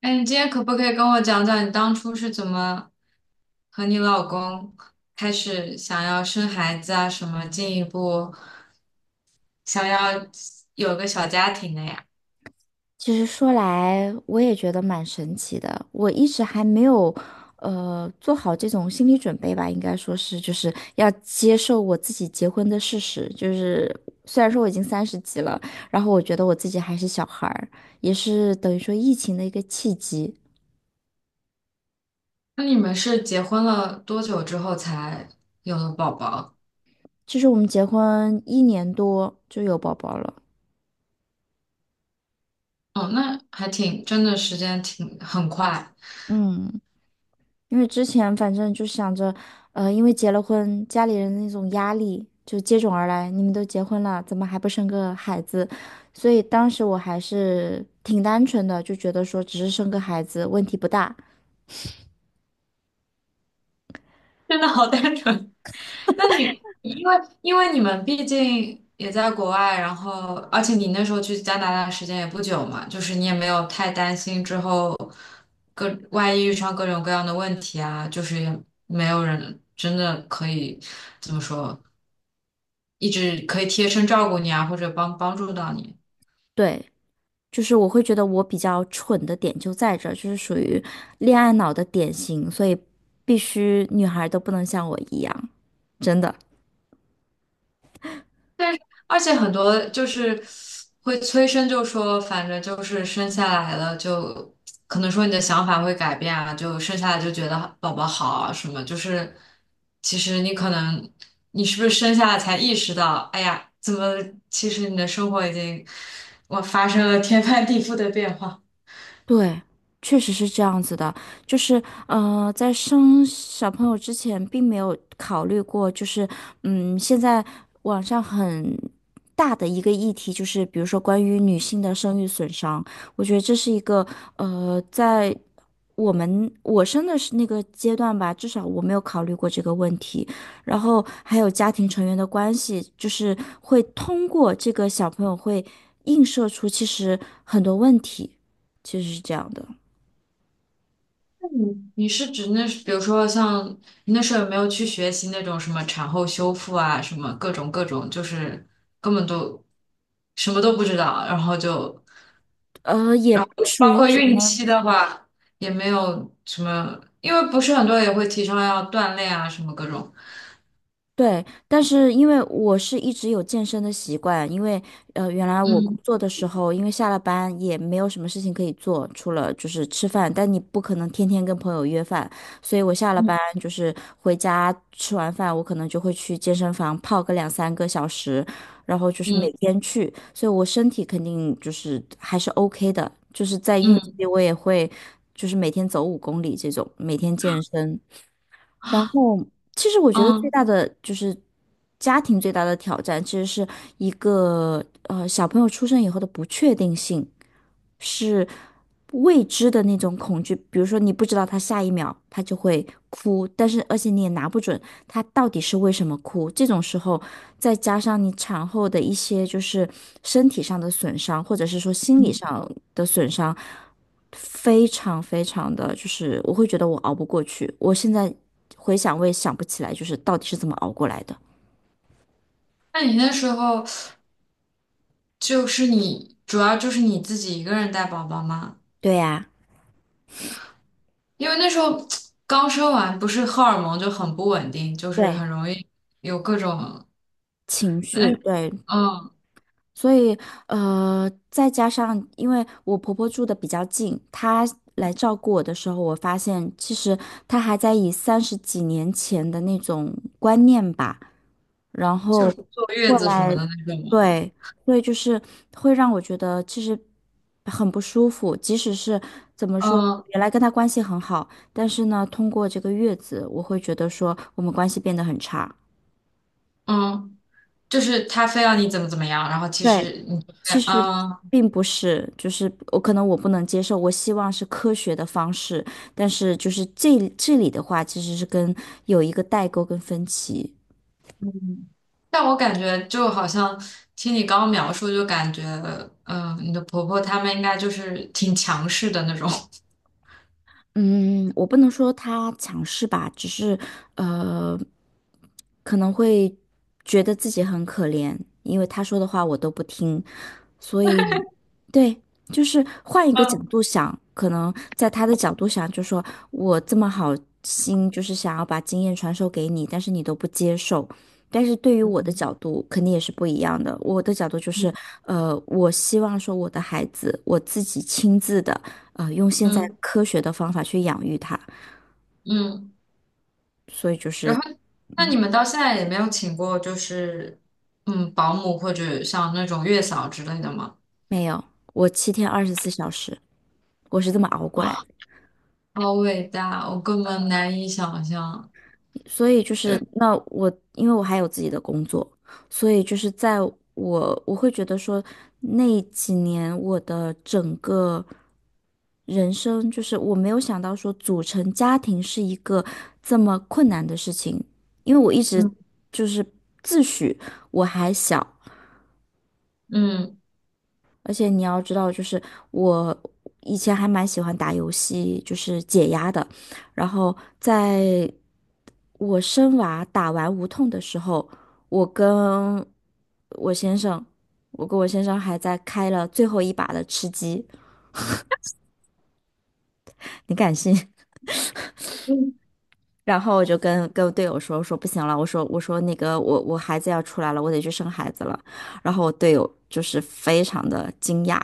哎，你今天可不可以跟我讲讲你当初是怎么和你老公开始想要生孩子啊，什么进一步想要有个小家庭的呀？其实说来，我也觉得蛮神奇的。我一直还没有，做好这种心理准备吧，应该说是，就是要接受我自己结婚的事实。就是虽然说我已经三十几了，然后我觉得我自己还是小孩儿，也是等于说疫情的一个契机。那你们是结婚了多久之后才有了宝宝？就是我们结婚1年多就有宝宝了，哦，那还挺，真的时间挺很快，嗯。因为之前反正就想着，因为结了婚，家里人的那种压力就接踵而来。你们都结婚了，怎么还不生个孩子？所以当时我还是挺单纯的，就觉得说只是生个孩子问题不大。真的好单纯。那你因为你们毕竟也在国外，然后而且你那时候去加拿大的时间也不久嘛，就是你也没有太担心之后各万一遇上各种各样的问题啊，就是也没有人真的可以怎么说，一直可以贴身照顾你啊，或者帮助到你。对，就是我会觉得我比较蠢的点就在这儿，就是属于恋爱脑的典型，所以必须女孩都不能像我一样，真的。但是而且很多就是会催生，就说反正就是生下来了就。可能说你的想法会改变啊，就生下来就觉得宝宝好啊什么，就是其实你可能你是不是生下来才意识到，哎呀，怎么其实你的生活已经我发生了天翻地覆的变化。对，确实是这样子的，就是在生小朋友之前，并没有考虑过，就是现在网上很大的一个议题，就是比如说关于女性的生育损伤，我觉得这是一个在我生的是那个阶段吧，至少我没有考虑过这个问题，然后还有家庭成员的关系，就是会通过这个小朋友会映射出其实很多问题。其实是这样的，你是指那，比如说像你那时候有没有去学习那种什么产后修复啊，什么各种各种，就是根本都什么都不知道，然后就也然后不属包于括什孕么，期的话也没有什么，因为不是很多也会提倡要锻炼啊，什么各种。对，但是因为我是一直有健身的习惯，因为原来我工嗯作的时候，因为下了班也没有什么事情可以做，除了就是吃饭，但你不可能天天跟朋友约饭，所以我下了班嗯就是回家吃完饭，我可能就会去健身房泡个2、3个小时，然后就是每嗯天去，所以我身体肯定就是还是 OK 的，就是在孕期嗯我也会就是每天走5公里这种，每天健身。然后，其实我觉得最嗯，大的就是家庭最大的挑战，其实是一个小朋友出生以后的不确定性。是未知的那种恐惧，比如说你不知道他下一秒他就会哭，但是而且你也拿不准他到底是为什么哭。这种时候，再加上你产后的一些就是身体上的损伤，或者是说心理上的损伤，非常非常的就是我会觉得我熬不过去。我现在回想，我也想不起来就是到底是怎么熬过来的。那你那时候就是你主要就是你自己一个人带宝宝吗？对呀。因为那时候刚生完，不是荷尔蒙就很不稳定，就是对，很容易有各种，情绪，嗯对，嗯，所以，再加上因为我婆婆住的比较近，她来照顾我的时候，我发现其实她还在以30几年前的那种观念吧，然就是后坐月过子什么来，的那种嘛，对，所以就是会让我觉得其实很不舒服。即使是怎么说，嗯原来跟她关系很好，但是呢，通过这个月子，我会觉得说我们关系变得很差。嗯，就是他非要你怎么怎么样，然后其对，实你就其会实嗯，并不是，就是我可能我不能接受，我希望是科学的方式，但是就是这里的话，其实是跟有一个代沟跟分歧。嗯但我感觉就好像听你刚刚描述，就感觉嗯，你的婆婆她们应该就是挺强势的那种，嗯，我不能说他强势吧，只是呃，可能会觉得自己很可怜，因为他说的话我都不听，所以，对，就是换一个角嗯度想，可能在他的角度想，就说我这么好心，就是想要把经验传授给你，但是你都不接受。但是对于我的角度，肯定也是不一样的。我的角度就是，我希望说我的孩子，我自己亲自的，用现在嗯科学的方法去养育他。嗯。所以就然是后，那你们到现在也没有请过，就是嗯，保姆或者像那种月嫂之类的吗？没有，我7天24小时，我是这么熬过来。啊，好伟大，我根本难以想象。所以就是那我，因为我还有自己的工作，所以就是在我会觉得说，那几年我的整个人生，就是我没有想到说组成家庭是一个这么困难的事情，因为我一直嗯就是自诩我还小，嗯而且你要知道，就是我以前还蛮喜欢打游戏，就是解压的。然后在我生娃打完无痛的时候，我跟我先生，我跟我先生还在开了最后一把的吃鸡，你敢信？嗯，然后我就跟队友说，我说不行了，我说那个我孩子要出来了，我得去生孩子了。然后我队友就是非常的惊讶，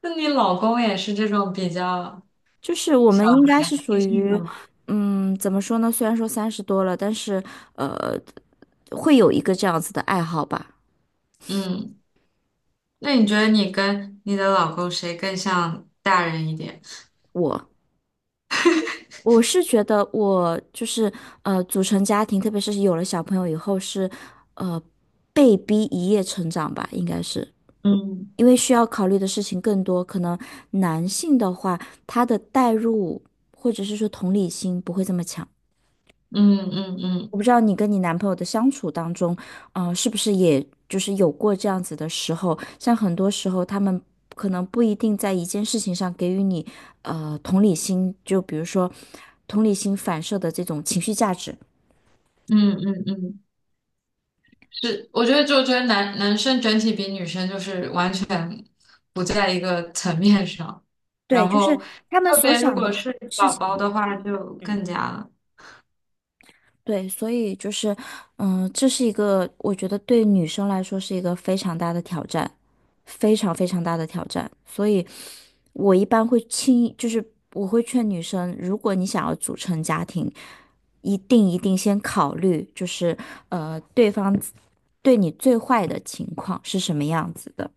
那你老公也是这种比较就是我小们应该孩是属心性的于，吗？怎么说呢？虽然说三十多了，但是呃，会有一个这样子的爱好吧。嗯，那你觉得你跟你的老公谁更像大人一点？我我是觉得我就是组成家庭，特别是有了小朋友以后是，呃，被逼一夜成长吧，应该是。因为需要考虑的事情更多，可能男性的话，他的代入或者是说同理心不会这么强。嗯嗯嗯我不知道你跟你男朋友的相处当中，是不是也就是有过这样子的时候？像很多时候，他们可能不一定在一件事情上给予你同理心，就比如说同理心反射的这种情绪价值。嗯嗯嗯嗯。嗯是，我觉得就觉得男生整体比女生就是完全不在一个层面上，对，然就后是他们特所别如想果的是事宝宝的情。话就更加了。对，所以就是，这是一个我觉得对女生来说是一个非常大的挑战，非常非常大的挑战。所以，我一般会轻易，就是我会劝女生，如果你想要组成家庭，一定一定先考虑，就是对方对你最坏的情况是什么样子的。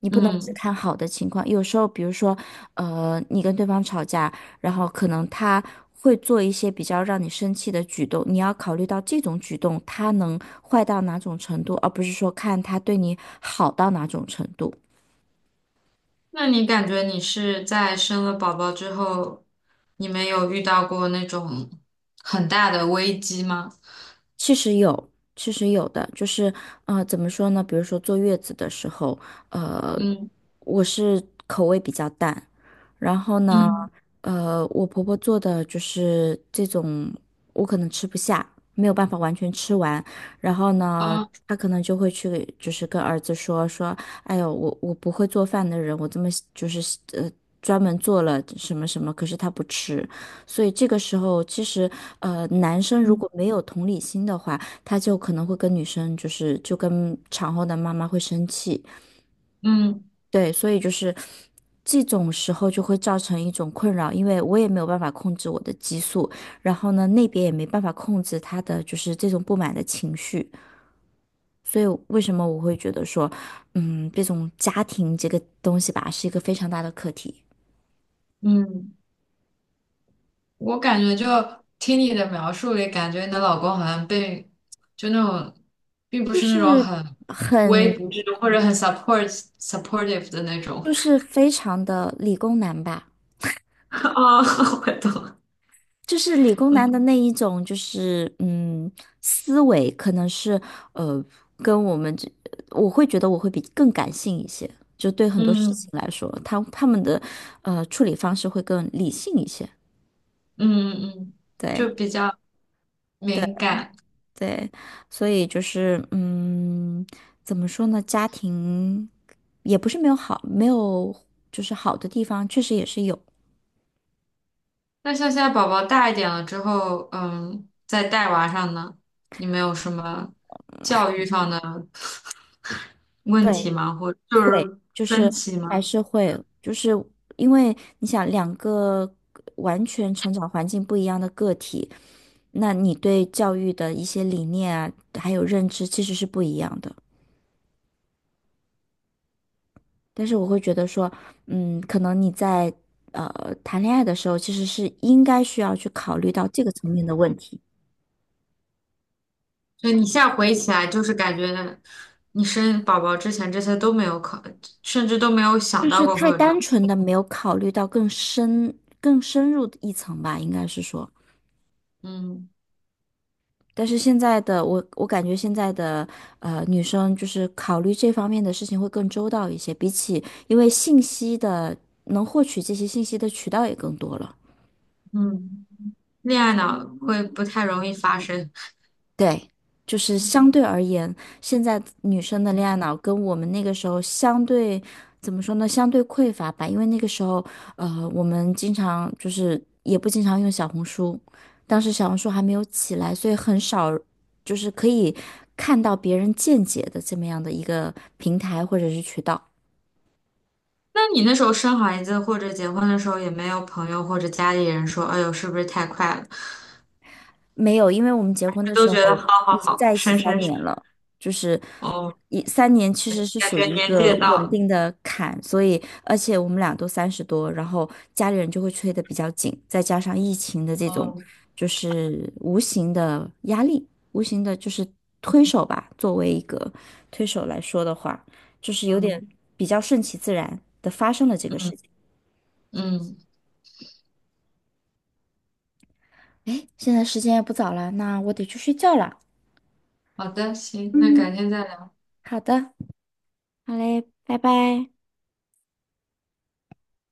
你不能只嗯，看好的情况，有时候，比如说，你跟对方吵架，然后可能他会做一些比较让你生气的举动，你要考虑到这种举动他能坏到哪种程度，而不是说看他对你好到哪种程度。那你感觉你是在生了宝宝之后，你们有遇到过那种很大的危机吗？其实有，其实有的，就是怎么说呢？比如说坐月子的时候，呃，嗯我是口味比较淡，然后呢，嗯我婆婆做的就是这种，我可能吃不下，没有办法完全吃完，然后呢。啊她可能就会去，就是跟儿子说说，哎呦，我不会做饭的人，我这么就是呃专门做了什么什么，可是他不吃，所以这个时候，其实男生如嗯果没有同理心的话，他就可能会跟女生就是就跟产后的妈妈会生气。嗯对，所以就是这种时候就会造成一种困扰，因为我也没有办法控制我的激素，然后呢，那边也没办法控制他的就是这种不满的情绪。所以为什么我会觉得说，这种家庭这个东西吧，是一个非常大的课题，嗯。我感觉就听你的描述里，感觉你的老公好像被就那种，并不就是那种是很无很微不至或者很 supportive 的那种。就是非常的理工男吧。啊，我懂了。就是理工男的嗯那一种，就是思维可能是呃，跟我们这，我会觉得我会比更感性一些，就对很多事嗯情来说，他们的处理方式会更理性一些，嗯嗯，就对比较对敏感。对，所以就是怎么说呢，家庭也不是没有好，没有就是好的地方，确实也是有，那像现在宝宝大一点了之后，嗯，在带娃上呢，你们有什么教育上的问题对。吗？或就会，是就分是歧还吗？是会，就是因为你想两个完全成长环境不一样的个体，那你对教育的一些理念啊，还有认知其实是不一样的。但是我会觉得说，可能你在谈恋爱的时候，其实是应该需要去考虑到这个层面的问题，所以你现在回忆起来，就是感觉你生宝宝之前这些都没有考，甚至都没有想就到是过会太有这单样。纯的没有考虑到更深、更深入一层吧，应该是说。嗯但是现在的我，我感觉现在的女生就是考虑这方面的事情会更周到一些，比起因为信息的能获取这些信息的渠道也更多了。嗯，恋爱脑会不太容易发生。对，就是相对而言，现在女生的恋爱脑跟我们那个时候相对，怎么说呢？相对匮乏吧，因为那个时候，我们经常就是也不经常用小红书，当时小红书还没有起来，所以很少就是可以看到别人见解的这么样的一个平台或者是渠道。那你那时候生孩子或者结婚的时候，也没有朋友或者家里人说：“哎呦，是不是太快了？”没有，因为我们结婚的都时觉得候好已好经好，在一起生三生生。年了，就是哦，1、3年其实是感属觉于一年纪个也到稳了。定的坎，所以而且我们俩都三十多，然后家里人就会催得比较紧，再加上疫情的这种哦，就是无形的压力，无形的就是推手吧，作为一个推手来说的话，就是有点嗯比较顺其自然的发生了这个嗯事情。嗯，嗯哎，现在时间也不早了，那我得去睡觉了。好的，行，那改嗯，天再来。好的。好嘞，拜拜。